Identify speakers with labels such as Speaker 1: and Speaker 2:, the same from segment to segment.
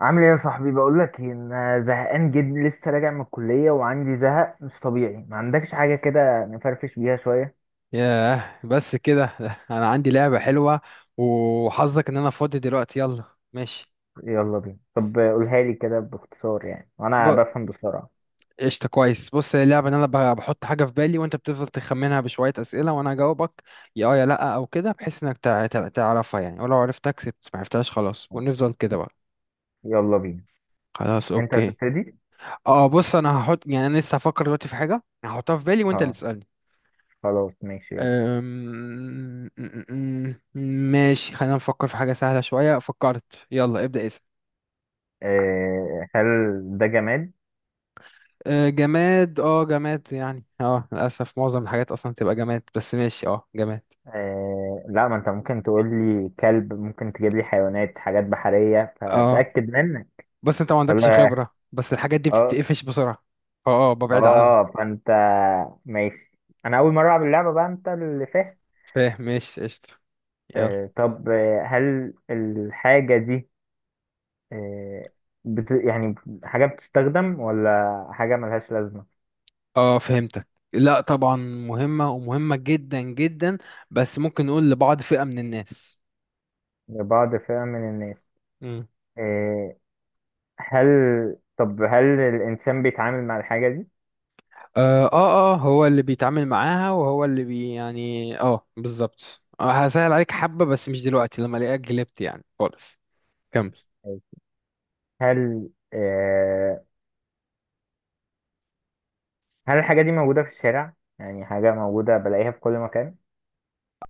Speaker 1: عامل ايه يا صاحبي؟ بقول لك ان زهقان جدا، لسه راجع من الكليه وعندي زهق مش طبيعي. ما عندكش حاجه كده نفرفش بيها شويه؟
Speaker 2: ياه، بس كده. انا عندي لعبة حلوة، وحظك ان انا فاضي دلوقتي. يلا. ماشي.
Speaker 1: يلا بينا، طب قولها لي كده باختصار يعني، وانا
Speaker 2: ب...
Speaker 1: بفهم بسرعه.
Speaker 2: قشطة، كويس. بص، هي اللعبة ان انا بحط حاجة في بالي، وانت بتفضل تخمنها بشوية اسئلة وانا اجاوبك يا اه يا لا او كده، بحيث انك تعرفها يعني. ولو عرفتها كسبت، ما عرفتهاش خلاص، ونفضل كده بقى.
Speaker 1: يلا بينا،
Speaker 2: خلاص،
Speaker 1: انت
Speaker 2: اوكي.
Speaker 1: هتبتدي؟
Speaker 2: اه، بص، انا هحط يعني انا لسه هفكر دلوقتي في حاجة هحطها في بالي، وانت اللي
Speaker 1: اه،
Speaker 2: تسألني.
Speaker 1: خلاص ماشي، يلا.
Speaker 2: أم... م- م- م- ماشي، خلينا نفكر في حاجة سهلة شوية. فكرت، يلا ابدأ اسأل.
Speaker 1: أه، هل ده جماد؟
Speaker 2: جماد، جماد يعني. اه للأسف معظم الحاجات أصلا بتبقى جماد، بس ماشي، جماد.
Speaker 1: أه لا، ما انت ممكن تقول لي كلب، ممكن تجيب لي حيوانات، حاجات بحريه،
Speaker 2: اه،
Speaker 1: فاتاكد منك.
Speaker 2: بس انت ما عندكش
Speaker 1: ولا.
Speaker 2: خبرة، بس الحاجات دي
Speaker 1: اه.
Speaker 2: بتتقفش بسرعة، فاه ببعد عنها.
Speaker 1: اه فانت ماشي. انا اول مره العب اللعبه بقى، انت اللي فاهم.
Speaker 2: فاهم، ماشي، قشطة. يلا.
Speaker 1: طب، هل الحاجة دي، آه، يعني حاجة بتستخدم ولا حاجة ملهاش لازمة؟
Speaker 2: اه، فهمتك. لا طبعا مهمة، ومهمة جدا جدا، بس ممكن نقول لبعض فئة من الناس.
Speaker 1: لبعض فئة من الناس.
Speaker 2: مم.
Speaker 1: آه، هل طب هل الإنسان بيتعامل مع الحاجة دي؟
Speaker 2: هو اللي بيتعامل معاها، وهو اللي بي يعني اه بالظبط. هسهل عليك حبة، بس مش دلوقتي لما الاقيك جلبت يعني خالص. كمل.
Speaker 1: هل آه، هل الحاجة دي موجودة في الشارع، يعني حاجة موجودة بلاقيها في كل مكان؟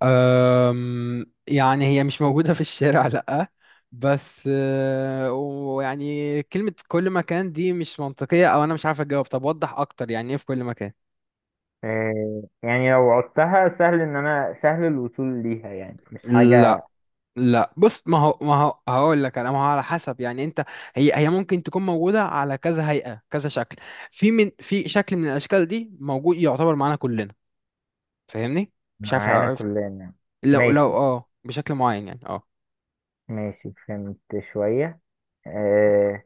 Speaker 2: أم، يعني هي مش موجودة في الشارع، لأ. بس ويعني كلمة كل مكان دي مش منطقية، أو أنا مش عارف أجاوب. طب وضح أكتر، يعني إيه في كل مكان؟
Speaker 1: يعني لو عدتها سهل إن أنا سهل الوصول ليها، يعني مش حاجة.
Speaker 2: لا لا، بص، ما هو ما هو هقول لك انا، ما هو على حسب يعني انت. هي ممكن تكون موجوده على كذا هيئه، كذا شكل. في، من في شكل من الاشكال دي موجود، يعتبر معانا كلنا. فاهمني؟ مش عارف،
Speaker 1: معانا
Speaker 2: عرفت؟
Speaker 1: كلنا.
Speaker 2: لو لو
Speaker 1: ماشي،
Speaker 2: اه بشكل معين يعني. اه
Speaker 1: ماشي فهمت. شوية. آه،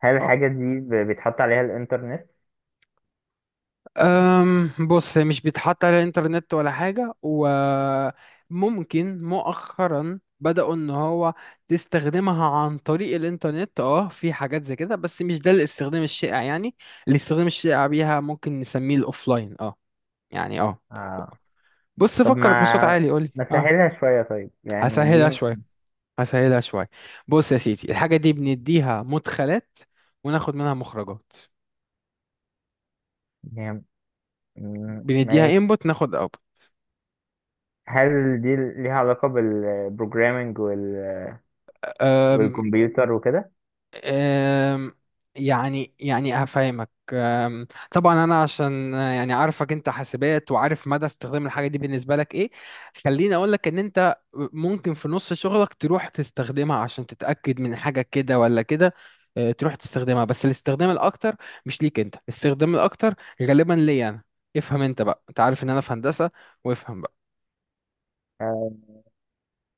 Speaker 1: هل
Speaker 2: اه
Speaker 1: الحاجة دي بيتحط عليها الإنترنت؟
Speaker 2: أم بص، هي مش بيتحط على الانترنت ولا حاجة، وممكن مؤخرا بدأوا ان هو تستخدمها عن طريق الانترنت، في حاجات زي كده، بس مش ده الاستخدام الشائع يعني. الاستخدام الشائع بيها ممكن نسميه الاوفلاين. اه يعني اه
Speaker 1: آه.
Speaker 2: بص،
Speaker 1: طب،
Speaker 2: فكر بصوت
Speaker 1: ما
Speaker 2: عالي، قولي.
Speaker 1: ما
Speaker 2: اه
Speaker 1: تسهلها شوية طيب، يعني دي
Speaker 2: هسهلها شوية، هسهلها شوية. بص يا سيدي، الحاجة دي بنديها مدخلات، وناخد منها مخرجات.
Speaker 1: هي-
Speaker 2: بنديها
Speaker 1: ماشي.
Speaker 2: انبوت، ناخد
Speaker 1: هل دي ليها علاقة بالبروجرامينج
Speaker 2: اوت.
Speaker 1: والكمبيوتر وكده؟
Speaker 2: أم، يعني يعني هفهمك. طبعا انا عشان عارفك انت حاسبات، وعارف مدى استخدام الحاجه دي بالنسبه لك ايه. خليني اقول لك ان انت ممكن في نص شغلك تروح تستخدمها عشان تتاكد من حاجه كده ولا كده. تروح تستخدمها، بس الاستخدام الاكتر مش ليك انت. الاستخدام الاكتر غالبا ليا انا. افهم انت بقى، انت عارف ان انا في هندسه، وافهم بقى.
Speaker 1: آه،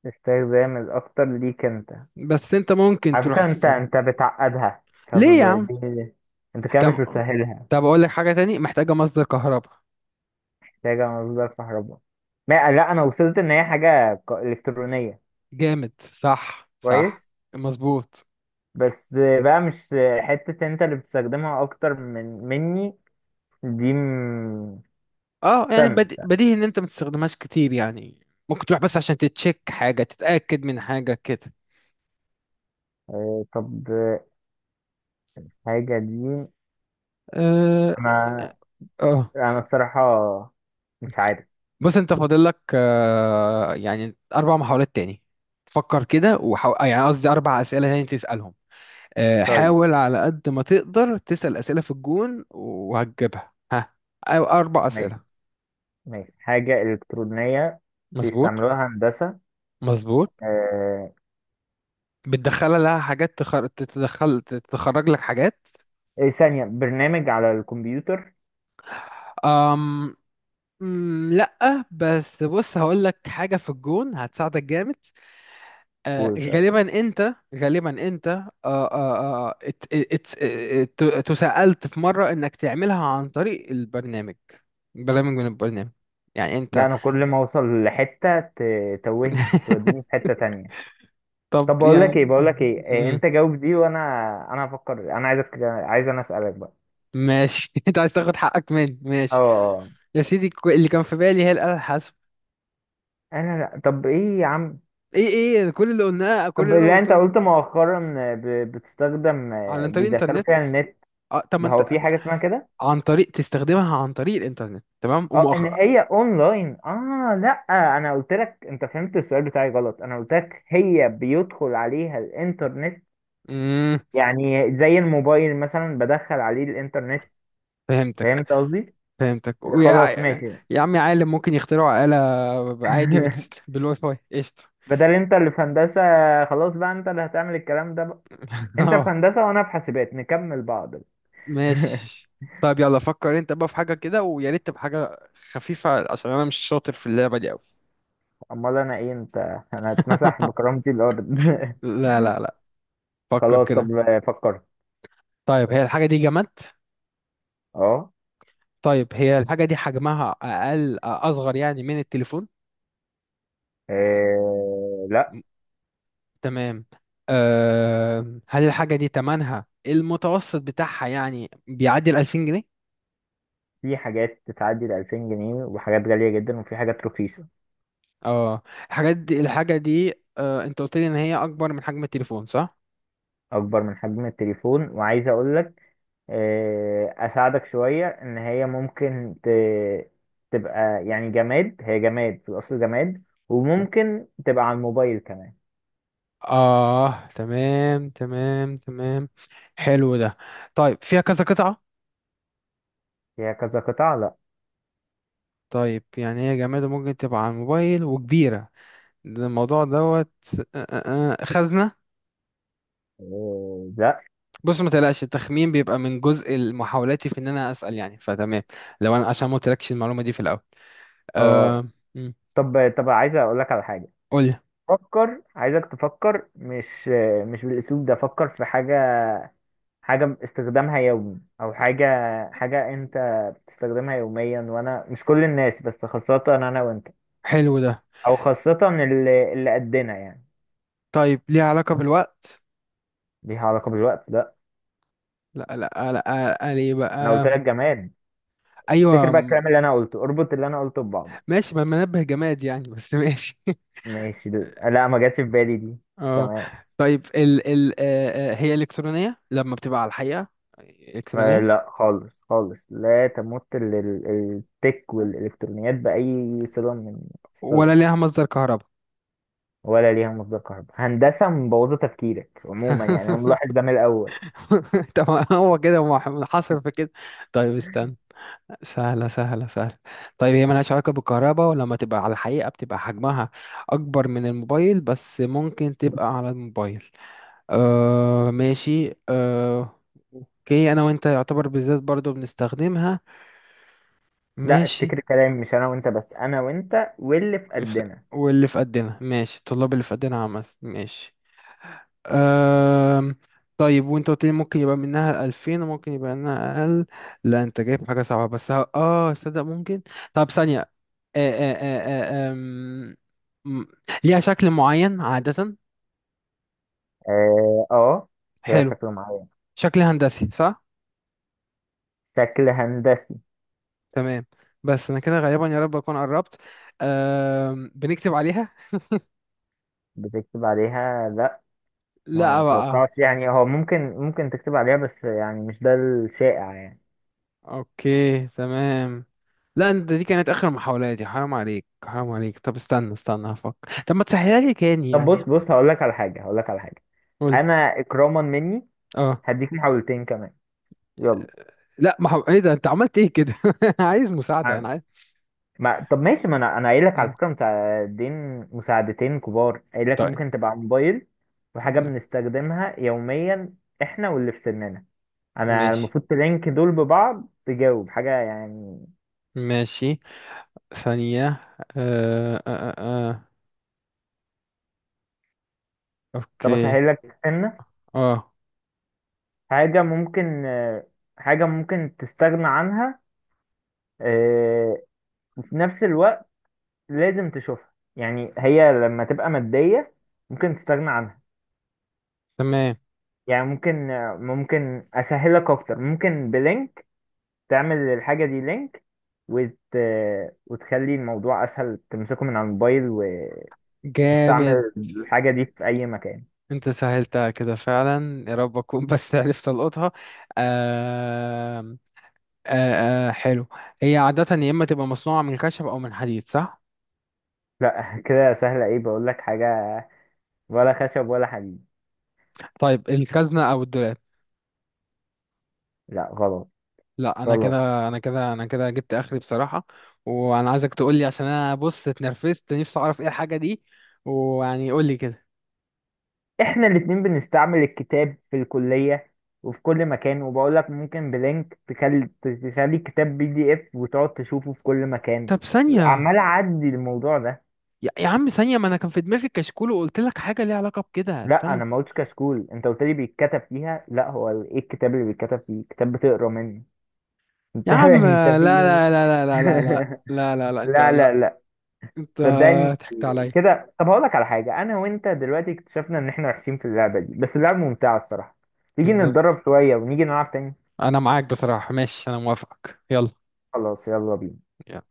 Speaker 1: استخدام الأكتر ليك أنت.
Speaker 2: بس انت ممكن
Speaker 1: على
Speaker 2: تروح
Speaker 1: فكرة، أنت
Speaker 2: تستخدم.
Speaker 1: أنت بتعقدها. طب
Speaker 2: ليه يا عم؟
Speaker 1: دي، أنت كده مش
Speaker 2: طب،
Speaker 1: بتسهلها.
Speaker 2: اقول لك حاجه تاني، محتاجه مصدر كهرباء.
Speaker 1: محتاجة مصدر كهرباء. ما لا، أنا وصلت إن هي حاجة إلكترونية.
Speaker 2: جامد، صح صح.
Speaker 1: كويس؟
Speaker 2: مظبوط.
Speaker 1: بس بقى مش حتة، انت اللي بتستخدمها اكتر من مني. دي
Speaker 2: اه يعني
Speaker 1: استنى.
Speaker 2: بديهي ان انت ما تستخدمهاش كتير، يعني ممكن تروح بس عشان تتشيك حاجة، تتأكد من حاجة كده.
Speaker 1: طب حاجة دي.
Speaker 2: اه. آه.
Speaker 1: انا
Speaker 2: آه.
Speaker 1: انا الصراحة مش عارف.
Speaker 2: بص، انت فاضل لك اربع محاولات تاني. فكر كده وحاول، يعني قصدي اربع اسئلة تاني تسألهم.
Speaker 1: طيب
Speaker 2: حاول على قد ما تقدر تسأل اسئلة في الجون وهتجيبها. ها، أو اربع
Speaker 1: ماشي،
Speaker 2: اسئلة.
Speaker 1: ماشي حاجة إلكترونية.
Speaker 2: مظبوط،
Speaker 1: بيستعملوها هندسة.
Speaker 2: مظبوط.
Speaker 1: آه،
Speaker 2: بتدخلها لها حاجات تتدخل، تتخرج لك حاجات.
Speaker 1: ايه ثانية، برنامج على الكمبيوتر؟
Speaker 2: أم مم، لأ. بس بص، هقول لك حاجة في الجون هتساعدك جامد.
Speaker 1: قول طيب.
Speaker 2: غالبا أنت آه آه آه ات ات ات تسألت في مرة إنك تعملها عن طريق البرنامج، برنامج من البرنامج، يعني أنت.
Speaker 1: لا، انا كل ما اوصل لحتة توهني توديني في حتة تانية.
Speaker 2: طب
Speaker 1: طب بقول لك ايه
Speaker 2: يعني
Speaker 1: بقول لك ايه
Speaker 2: مم،
Speaker 1: انت جاوب دي وانا. انا هفكر، انا عايز انا اسالك بقى.
Speaker 2: ماشي. أنت عايز تاخد حقك مني،
Speaker 1: اه.
Speaker 2: ماشي.
Speaker 1: آه.
Speaker 2: يا سيدي، اللي كان في بالي هي الآلة الحاسبة.
Speaker 1: انا لا، طب ايه يا عم؟
Speaker 2: إيه كل اللي قلناه، كل
Speaker 1: طب
Speaker 2: اللي أنا
Speaker 1: لا، انت
Speaker 2: قلته لك
Speaker 1: قلت مؤخرا، بتستخدم،
Speaker 2: على طريق
Speaker 1: بيدخلوا
Speaker 2: الإنترنت.
Speaker 1: فيها النت.
Speaker 2: طب ما
Speaker 1: هو
Speaker 2: انت،
Speaker 1: في حاجه اسمها كده؟
Speaker 2: عن طريق تستخدمها عن طريق الانترنت تمام،
Speaker 1: اه، ان
Speaker 2: ومؤخرا.
Speaker 1: هي اونلاين. اه لا، انا قلت لك، انت فهمت السؤال بتاعي غلط. انا قلت لك هي بيدخل عليها الانترنت.
Speaker 2: امم
Speaker 1: يعني زي الموبايل مثلا، بدخل عليه الانترنت. فهمت
Speaker 2: فهمتك،
Speaker 1: قصدي؟
Speaker 2: فهمتك.
Speaker 1: خلاص
Speaker 2: ويا
Speaker 1: ماشي.
Speaker 2: يا عمي، عالم ممكن يخترعوا آلة عادي بالواي فاي، قشطة.
Speaker 1: بدل انت اللي في هندسة، خلاص بقى انت اللي هتعمل الكلام ده بقى. انت في
Speaker 2: اه
Speaker 1: هندسة وانا في حاسبات، نكمل بعض.
Speaker 2: ماشي. طيب، يلا فكر انت بقى في حاجة كده، ويا ريت تبقى حاجة خفيفة عشان انا مش شاطر في اللعبة دي قوي.
Speaker 1: امال انا ايه؟ انت انا هتمسح بكرامتي الارض.
Speaker 2: لا لا لا، فكر
Speaker 1: خلاص طب،
Speaker 2: كده.
Speaker 1: فكرت.
Speaker 2: طيب هي الحاجة دي جماد؟
Speaker 1: اه.
Speaker 2: طيب هي الحاجة دي حجمها أقل، أصغر يعني من التليفون؟
Speaker 1: إيه، لا.
Speaker 2: تمام. هل الحاجة دي تمنها المتوسط بتاعها يعني بيعدي ال 2000 جنيه؟
Speaker 1: في حاجات تتعدي ال 2000 جنيه، وحاجات غالية جدا وفي حاجات رخيصة.
Speaker 2: اه الحاجات دي الحاجة دي، انت قلت لي ان هي اكبر من حجم التليفون، صح؟
Speaker 1: أكبر من حجم التليفون، وعايز أقول لك، أساعدك شوية إن هي ممكن تبقى يعني جماد، هي جماد في الأصل جماد، وممكن تبقى على الموبايل كمان.
Speaker 2: اه، تمام تمام تمام، حلو ده. طيب فيها كذا قطعة؟
Speaker 1: هي كذا قطعة؟ لا.
Speaker 2: طيب يعني هي جماد، ممكن تبقى على الموبايل، وكبيرة. ده الموضوع دوت. خزنة؟
Speaker 1: لا
Speaker 2: بص، ما تقلقش، التخمين بيبقى من جزء محاولاتي في ان انا اسأل يعني، فتمام لو انا عشان ما قلتلكش المعلومة دي في الاول.
Speaker 1: اه،
Speaker 2: آه مم.
Speaker 1: طب عايز اقول لك على حاجة.
Speaker 2: قولي.
Speaker 1: فكر، عايزك تفكر مش مش بالاسلوب ده. فكر في حاجة، حاجة استخدامها يومي، او حاجة، انت بتستخدمها يوميا، وانا مش كل الناس بس خاصة انا وانت،
Speaker 2: حلو ده.
Speaker 1: او خاصة اللي قدنا يعني.
Speaker 2: طيب ليه علاقة بالوقت؟
Speaker 1: ليها علاقة بالوقت؟ لا.
Speaker 2: لا لا لا، قال ايه
Speaker 1: انا قلت
Speaker 2: بقى.
Speaker 1: لك جماد. افتكر
Speaker 2: ايوه،
Speaker 1: بقى الكلام اللي انا قلته، اربط اللي انا قلته ببعضه.
Speaker 2: ماشي، ما منبه جماد يعني، بس ماشي.
Speaker 1: ماشي، لا ما جاتش في بالي دي.
Speaker 2: اه.
Speaker 1: تمام.
Speaker 2: طيب ال ال آه آه، هي الكترونية لما بتبقى على الحقيقة الكترونية؟
Speaker 1: لا خالص خالص، لا تمت التك والالكترونيات باي صله من
Speaker 2: ولا
Speaker 1: الصله.
Speaker 2: ليها مصدر كهرباء؟
Speaker 1: ولا ليها مصدر كهرباء. هندسه مبوظه تفكيرك عموما يعني، انا ملاحظ ده من الاول.
Speaker 2: طب هو كده منحصر في كده. طيب استنى. سهلة سهلة سهلة. طيب هي ملهاش علاقة بالكهرباء، ولما تبقى على الحقيقة بتبقى حجمها أكبر من الموبايل، بس ممكن تبقى على الموبايل. ماشي. آه. اوكي، انا وانت يعتبر بالذات برضو بنستخدمها،
Speaker 1: لا،
Speaker 2: ماشي.
Speaker 1: افتكر كلامي، مش انا وانت بس، انا وانت واللي في
Speaker 2: ف-
Speaker 1: قدنا.
Speaker 2: واللي في قدنا، ماشي، الطلاب اللي في قدنا عامة، ماشي. آه. طيب وانت قلت لي ممكن يبقى منها 2000 وممكن يبقى منها اقل. لا انت جايب حاجة صعبة بس. صدق ممكن. طب ثانية. آه آه آه آه آم، م- ليها شكل معين عادة؟
Speaker 1: اه هي
Speaker 2: حلو.
Speaker 1: شكل معين،
Speaker 2: شكل هندسي، صح؟
Speaker 1: شكل هندسي.
Speaker 2: تمام. بس انا كده غالبا، يا رب اكون قربت. بنكتب عليها؟
Speaker 1: بتكتب عليها؟ لا. ما
Speaker 2: لا بقى.
Speaker 1: اتوقعش يعني، هو ممكن تكتب عليها، بس يعني مش ده الشائع يعني.
Speaker 2: اوكي تمام. لا انت، دي كانت اخر محاولاتي، حرام عليك حرام عليك. طب استنى، استنى هفكر. طب ما تسهلها لي تاني
Speaker 1: طب بص
Speaker 2: يعني.
Speaker 1: بص، هقول لك على حاجه.
Speaker 2: قول.
Speaker 1: انا اكراما مني
Speaker 2: اه
Speaker 1: هديك محاولتين كمان، يلا.
Speaker 2: لا، ما هو- ايه ده، انت عملت ايه كده. عايز مساعدة، انا
Speaker 1: عن-
Speaker 2: عايز.
Speaker 1: ما... طب ماشي، ما انا قايل لك على
Speaker 2: مم.
Speaker 1: فكره مساعدين، مساعدتين كبار، قايل لك
Speaker 2: طيب.
Speaker 1: ممكن تبقى موبايل. وحاجه
Speaker 2: م-
Speaker 1: بنستخدمها يوميا، احنا واللي في سننا. انا
Speaker 2: ماشي،
Speaker 1: المفروض تلينك دول ببعض، تجاوب حاجه يعني.
Speaker 2: ماشي، ثانية. آه آه آه. آه.
Speaker 1: طب
Speaker 2: اوكي،
Speaker 1: اسهل لك سنه،
Speaker 2: اه
Speaker 1: حاجه ممكن آه، حاجه ممكن تستغنى عنها، آه، وفي نفس الوقت لازم تشوفها، يعني هي لما تبقى ماديه ممكن تستغنى عنها.
Speaker 2: تمام.
Speaker 1: يعني ممكن اسهلك اكتر، ممكن بلينك تعمل الحاجه دي لينك، وت... وتخلي الموضوع اسهل، تمسكه من على الموبايل
Speaker 2: جامد.
Speaker 1: وتستعمل الحاجه دي في اي مكان.
Speaker 2: انت سهلتها كده فعلا، يا رب اكون بس عرفت القطها. آه حلو. هي عادة يا اما تبقى مصنوعة من خشب او من حديد، صح؟
Speaker 1: لا كده سهله، ايه بقول لك حاجه، ولا خشب ولا حديد.
Speaker 2: طيب، الخزنة او الدولاب؟
Speaker 1: لا غلط،
Speaker 2: لا، انا
Speaker 1: غلط.
Speaker 2: كده انا كده انا كده جبت اخري بصراحة. وانا عايزك تقول لي، عشان انا بص اتنرفزت، نفسي اعرف ايه الحاجة دي، ويعني قول لي كده.
Speaker 1: احنا الاتنين بنستعمل الكتاب في الكليه وفي كل مكان، وبقول لك ممكن بلينك تخلي الكتاب بي دي اف وتقعد تشوفه في كل مكان.
Speaker 2: طب ثانية.
Speaker 1: عمال اعدي الموضوع ده.
Speaker 2: يا عم ثانية، ما انا كان في دماغي كشكول وقلت لك حاجة ليها علاقة بكده،
Speaker 1: لا،
Speaker 2: استنى.
Speaker 1: انا ما قلتش كشكول، انت قلت لي بيتكتب فيها. لا، هو ايه الكتاب اللي بيتكتب فيه؟ كتاب بتقرا منه.
Speaker 2: يا
Speaker 1: انت
Speaker 2: عم،
Speaker 1: انت
Speaker 2: لا
Speaker 1: في ايه؟
Speaker 2: لا لا لا لا لا لا لا لا لا، انت،
Speaker 1: لا لا
Speaker 2: لا
Speaker 1: لا،
Speaker 2: انت
Speaker 1: صدقني.
Speaker 2: ضحكت عليا.
Speaker 1: كده طب هقول لك على حاجه، انا وانت دلوقتي اكتشفنا ان احنا وحشين في اللعبه دي، بس اللعبه ممتعه الصراحه. تيجي
Speaker 2: بالظبط،
Speaker 1: نتدرب شويه ونيجي نلعب تاني؟
Speaker 2: انا معاك بصراحة، ماشي، انا موافقك. يلا.
Speaker 1: خلاص، يلا بينا.
Speaker 2: يلا.